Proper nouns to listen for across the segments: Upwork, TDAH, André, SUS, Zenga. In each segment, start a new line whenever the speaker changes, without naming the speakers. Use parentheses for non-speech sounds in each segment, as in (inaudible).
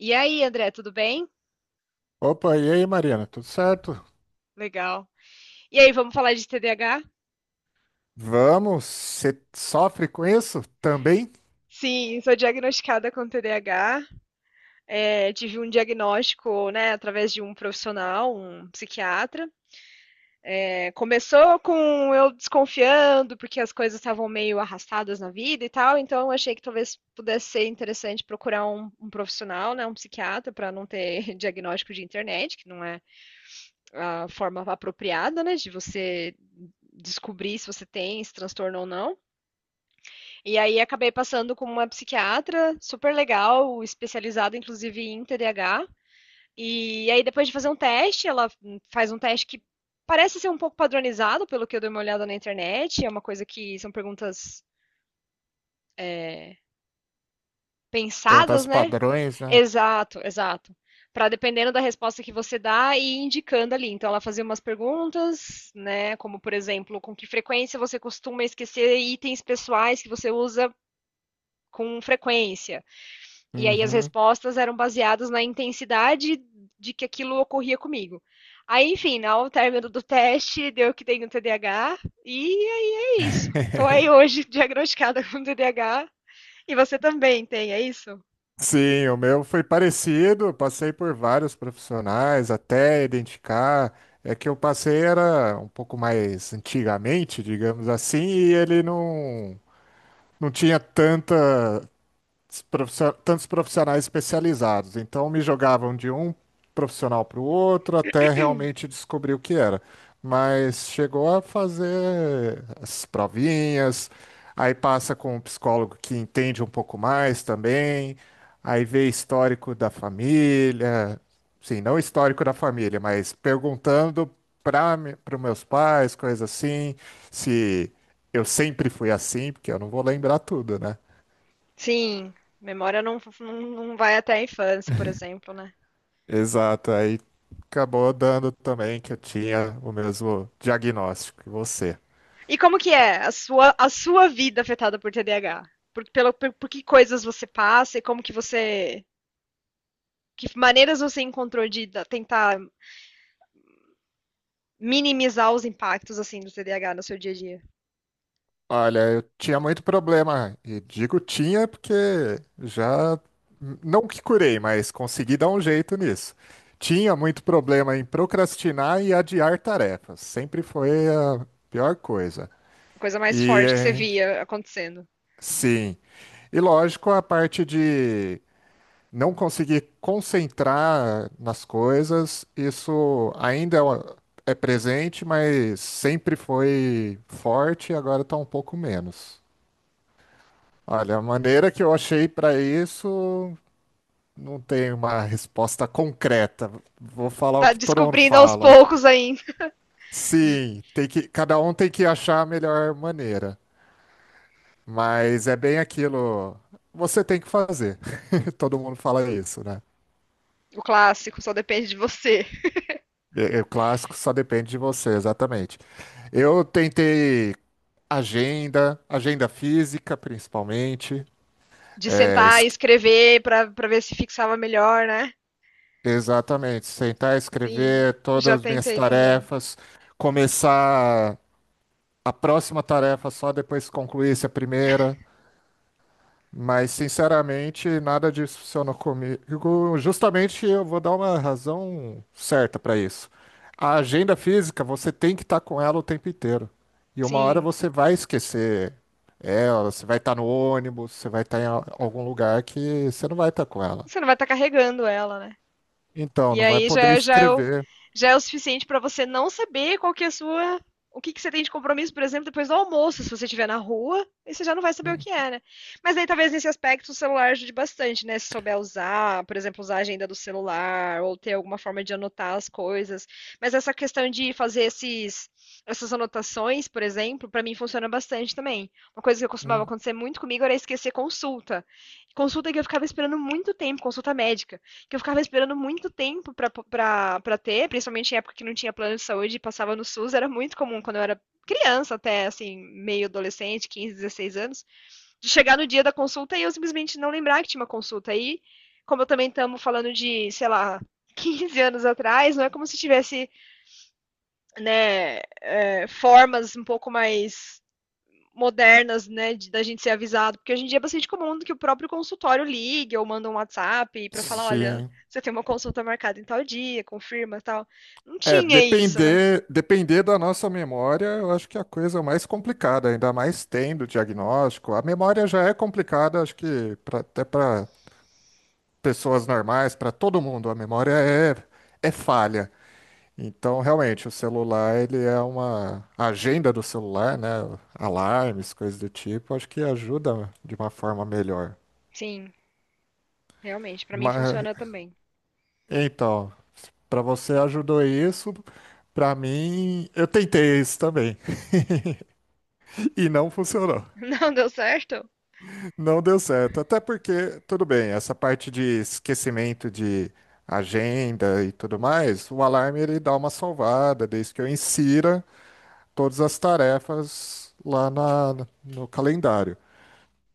E aí, André, tudo bem?
Opa, e aí, Mariana? Tudo certo?
Legal. E aí, vamos falar de TDAH?
Vamos? Você sofre com isso também?
Sim, sou diagnosticada com TDAH. É, tive um diagnóstico, né, através de um profissional, um psiquiatra. É, começou com eu desconfiando, porque as coisas estavam meio arrastadas na vida e tal, então eu achei que talvez pudesse ser interessante procurar um profissional, né, um psiquiatra, para não ter (laughs) diagnóstico de internet, que não é a forma apropriada, né, de você descobrir se você tem esse transtorno ou não. E aí acabei passando com uma psiquiatra super legal, especializada inclusive em TDAH. E aí depois de fazer um teste, ela faz um teste que parece ser um pouco padronizado, pelo que eu dei uma olhada na internet. É uma coisa que são perguntas é,
Perguntar
pensadas,
os
né?
padrões, né?
Exato, exato. Para dependendo da resposta que você dá e indicando ali. Então ela fazia umas perguntas, né? Como por exemplo, com que frequência você costuma esquecer itens pessoais que você usa com frequência? E aí as
Uhum.
respostas eram baseadas na intensidade de que aquilo ocorria comigo. Aí, enfim, né, ao término do teste, deu que tenho TDAH, e aí é isso. Estou aí hoje diagnosticada (laughs) com TDAH, e você também tem, é isso?
Sim, o meu foi parecido. Passei por vários profissionais até identificar. É que eu passei era um pouco mais antigamente, digamos assim, e ele não, não tinha tanta tantos profissionais especializados. Então me jogavam de um profissional para o outro até realmente descobrir o que era. Mas chegou a fazer as provinhas, aí passa com um psicólogo que entende um pouco mais também, aí vê histórico da família, sim, não histórico da família, mas perguntando para para os meus pais, coisas assim, se eu sempre fui assim, porque eu não vou lembrar tudo, né?
Sim, memória não vai até a infância, por exemplo, né?
Exato, aí acabou dando também que eu tinha o mesmo diagnóstico que você.
E como que é a sua vida afetada por TDAH? Por que coisas você passa e como que você... Que maneiras você encontrou de tentar minimizar os impactos assim do TDAH no seu dia a dia.
Olha, eu tinha muito problema, e digo tinha porque já, não que curei, mas consegui dar um jeito nisso. Tinha muito problema em procrastinar e adiar tarefas, sempre foi a pior coisa.
A coisa mais
E
forte que você
eh,
via acontecendo.
sim, e lógico a parte de não conseguir concentrar nas coisas, é presente, mas sempre foi forte e agora está um pouco menos. Olha, a maneira que eu achei para isso não tem uma resposta concreta. Vou falar o
Tá
que todo mundo
descobrindo aos
fala.
poucos ainda.
Sim, tem que, cada um tem que achar a melhor maneira, mas é bem aquilo. Você tem que fazer. (laughs) Todo mundo fala isso, né?
O clássico só depende de você.
É, o clássico só depende de você, exatamente. Eu tentei agenda física principalmente.
De
É,
sentar
es-
e escrever pra ver se fixava melhor, né?
Exatamente, sentar,
Sim,
escrever
já
todas as minhas
tentei também.
tarefas, começar a próxima tarefa só depois que concluísse a primeira. Mas, sinceramente, nada disso funcionou comigo. Justamente eu vou dar uma razão certa para isso. A agenda física, você tem que estar com ela o tempo inteiro. E uma hora
Sim.
você vai esquecer ela, você vai estar no ônibus, você vai estar em algum lugar que você não vai estar com ela.
Você não vai estar tá carregando ela, né?
Então,
E
não vai
aí já,
poder
é- já, é, o,
escrever.
já é o suficiente para você não saber qual que é a sua. O que você tem de compromisso, por exemplo, depois do almoço, se você estiver na rua, aí você já não vai saber o
Hum,
que é, né? Mas aí talvez nesse aspecto o celular ajude bastante, né? Se souber usar, por exemplo, usar a agenda do celular, ou ter alguma forma de anotar as coisas. Mas essa questão de fazer essas anotações, por exemplo, para mim funciona bastante também. Uma coisa que costumava
hum,
acontecer muito comigo era esquecer consulta. Consulta que eu ficava esperando muito tempo, consulta médica que eu ficava esperando muito tempo pra ter, principalmente em época que não tinha plano de saúde e passava no SUS, era muito comum quando eu era criança até, assim, meio adolescente, 15, 16 anos, de chegar no dia da consulta e eu simplesmente não lembrar que tinha uma consulta. E como eu também estamos falando de, sei lá, (laughs) 15 anos atrás, não é como se tivesse, né, formas um pouco mais modernas, né, da gente ser avisado, porque hoje em dia é bastante comum que o próprio consultório ligue ou manda um WhatsApp para falar, olha,
sim.
você tem uma consulta marcada em tal dia, confirma, e tal. Não tinha isso, né?
Depender da nossa memória, eu acho que é a coisa mais complicada, ainda mais tendo diagnóstico. A memória já é complicada, acho que até para pessoas normais, para todo mundo, é falha. Então, realmente, o celular, ele é uma a agenda do celular, né? Alarmes, coisas do tipo, acho que ajuda de uma forma melhor.
Sim, realmente, para mim
Mas,
funciona também.
então, para você ajudou isso, para mim, eu tentei isso também (laughs) e não funcionou.
(laughs) Não deu certo?
Não deu certo. Até porque, tudo bem, essa parte de esquecimento de agenda e tudo mais, o alarme ele dá uma salvada, desde que eu insira todas as tarefas no calendário.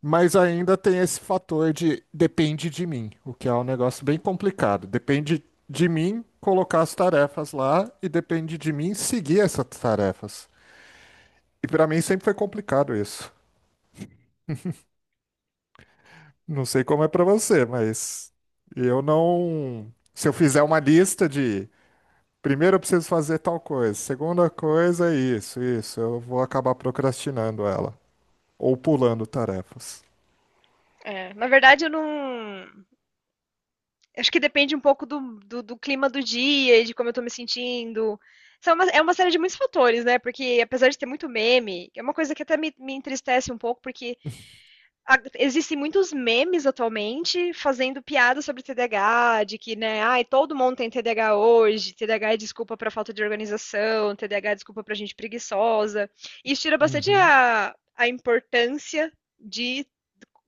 Mas ainda tem esse fator de depende de mim, o que é um negócio bem complicado. Depende de mim colocar as tarefas lá e depende de mim seguir essas tarefas. E para mim sempre foi complicado isso. Não sei como é pra você, mas eu não. Se eu fizer uma lista de primeiro eu preciso fazer tal coisa, segunda coisa é isso, eu vou acabar procrastinando ela ou pulando tarefas.
É, na verdade, eu não. Acho que depende um pouco do clima do dia e de como eu tô me sentindo. É uma série de muitos fatores, né? Porque apesar de ter muito meme, é uma coisa que até me entristece um pouco, porque existem muitos memes atualmente fazendo piada sobre TDAH, de que, né, ai, todo mundo tem TDAH hoje, TDAH é desculpa para falta de organização, TDAH é desculpa para gente preguiçosa. Isso tira bastante
Uhum.
a importância de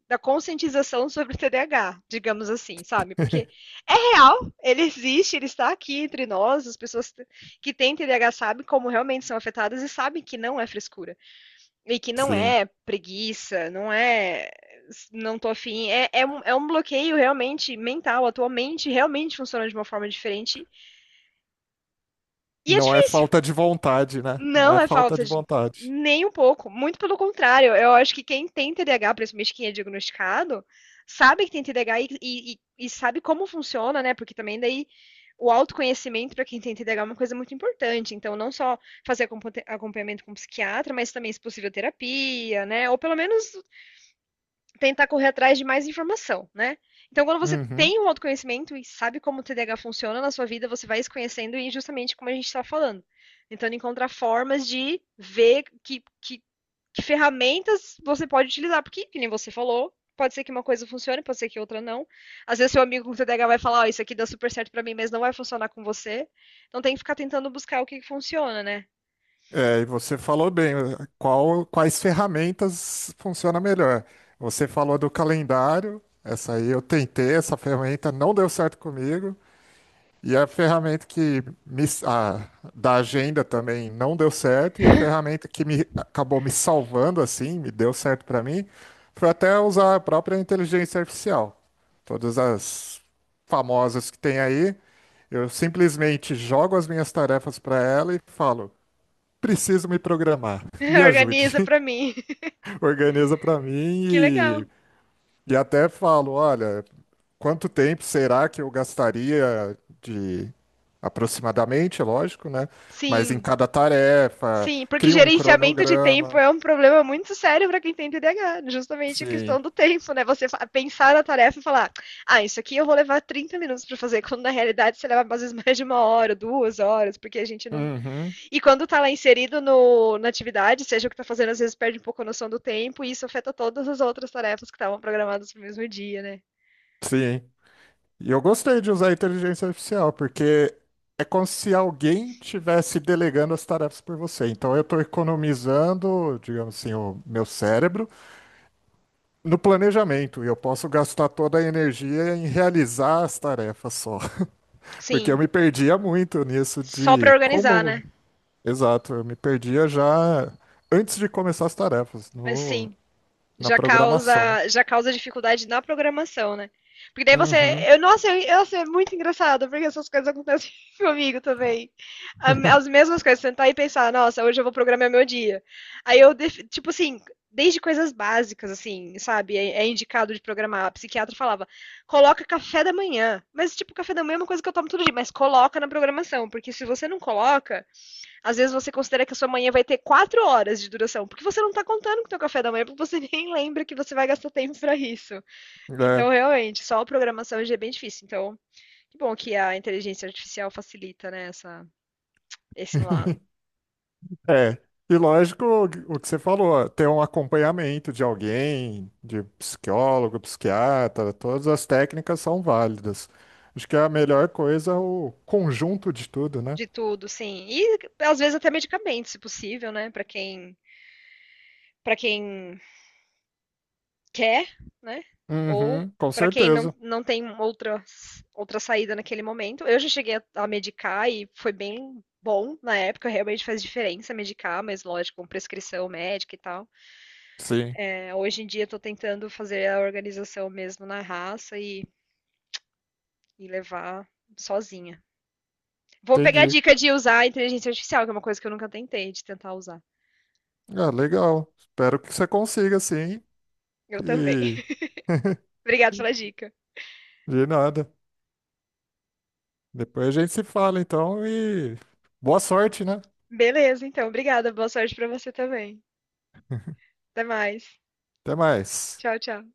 da conscientização sobre o TDAH, digamos assim, sabe? Porque
(laughs)
é real, ele existe, ele está aqui entre nós, as pessoas que têm TDAH sabem como realmente são afetadas e sabem que não é frescura. E que não
Sim.
é preguiça, não é não tô afim, é um bloqueio realmente mental, a tua mente realmente funciona de uma forma diferente. E é
Não é
difícil.
falta de vontade, né? Não
Não
é
é
falta
falta
de
de
vontade.
nem um pouco, muito pelo contrário. Eu acho que quem tem T D TDAH, principalmente quem é diagnosticado, sabe que tem T TDAH e sabe como funciona, né? Porque também daí o autoconhecimento para quem tem TDAH é uma coisa muito importante. Então, não só fazer acompanhamento com psiquiatra, mas também, se possível, terapia, né? Ou pelo menos tentar correr atrás de mais informação, né? Então, quando você
Uhum.
tem um autoconhecimento e sabe como o TDAH funciona na sua vida, você vai se conhecendo e justamente como a gente está falando. Tentando encontrar formas de ver que ferramentas você pode utilizar. Porque, que nem você falou, pode ser que uma coisa funcione, pode ser que outra não. Às vezes seu amigo com TDAH vai falar, ó, oh, isso aqui dá super certo para mim, mas não vai funcionar com você. Então tem que ficar tentando buscar o que funciona, né?
É, e você falou bem, quais ferramentas funciona melhor? Você falou do calendário, essa aí eu tentei, essa ferramenta não deu certo comigo. E a ferramenta da agenda também não deu certo, e a ferramenta que me acabou me salvando assim, me deu certo para mim, foi até usar a própria inteligência artificial. Todas as famosas que tem aí, eu simplesmente jogo as minhas tarefas para ela e falo: preciso me programar, (laughs) me
(laughs)
ajude,
Organiza para mim. (laughs)
(laughs) organiza para mim
Que legal.
e até falo: olha, quanto tempo será que eu gastaria? Aproximadamente, é lógico, né? Mas em
Sim,
cada tarefa,
sim, porque
cria um
gerenciamento de tempo
cronograma.
é um problema muito sério para quem tem TDAH, justamente a
Sim.
questão do tempo, né? Você pensar na tarefa e falar, ah, isso aqui eu vou levar 30 minutos para fazer, quando na realidade você leva às vezes mais de uma hora, 2 horas, porque a gente não.
Uhum.
E quando tá lá inserido no, na atividade, seja o que tá fazendo, às vezes perde um pouco a noção do tempo, e isso afeta todas as outras tarefas que estavam programadas pro mesmo dia, né?
Sim. E eu gostei de usar a inteligência artificial, porque é como se alguém tivesse delegando as tarefas por você. Então eu estou economizando, digamos assim, o meu cérebro no planejamento. E eu posso gastar toda a energia em realizar as tarefas só. (laughs) Porque eu
Sim,
me perdia muito nisso
só para
de
organizar,
como.
né?
Exato, eu me perdia já antes de começar as tarefas,
Mas
no,
sim.
na
Já
programação.
causa, já causa dificuldade na programação, né? Porque daí você.
Uhum.
Nossa, é muito engraçado, porque essas coisas acontecem (laughs) comigo também. As mesmas coisas, sentar e pensar, nossa, hoje eu vou programar meu dia. Aí eu, tipo assim, desde coisas básicas, assim, sabe? É indicado de programar. A psiquiatra falava, coloca café da manhã. Mas, tipo, café da manhã é uma coisa que eu tomo todo dia, mas coloca na programação, porque se você não coloca, às vezes você considera que a sua manhã vai ter 4 horas de duração, porque você não está contando com o seu café da manhã, porque você (laughs) nem lembra que você vai gastar tempo para isso. Então,
É.
realmente, só a programação hoje é bem difícil. Então, que bom que a inteligência artificial facilita, né, esse lado
(laughs) É. E lógico, o que você falou, ter um acompanhamento de alguém, de psicólogo, psiquiatra, todas as técnicas são válidas. Acho que é a melhor coisa é o conjunto de tudo, né?
de tudo, sim. E às vezes até medicamentos, se possível, né, para quem quer, né? Ou
Uhum, com
para quem não,
certeza.
não tem outra saída naquele momento. Eu já cheguei a medicar e foi bem bom na época, realmente faz diferença medicar, mas lógico, com prescrição médica e tal.
Sim,
É, hoje em dia estou tentando fazer a organização mesmo na raça e levar sozinha. Vou pegar a
entendi.
dica de usar a inteligência artificial, que é uma coisa que eu nunca tentei de tentar usar.
Ah, legal. Espero que você consiga, sim.
Eu também.
E
(laughs) Obrigada pela dica.
de nada. Depois a gente se fala, então, e boa sorte, né?
Beleza, então. Obrigada. Boa sorte para você também. Até mais.
Até mais.
Tchau, tchau.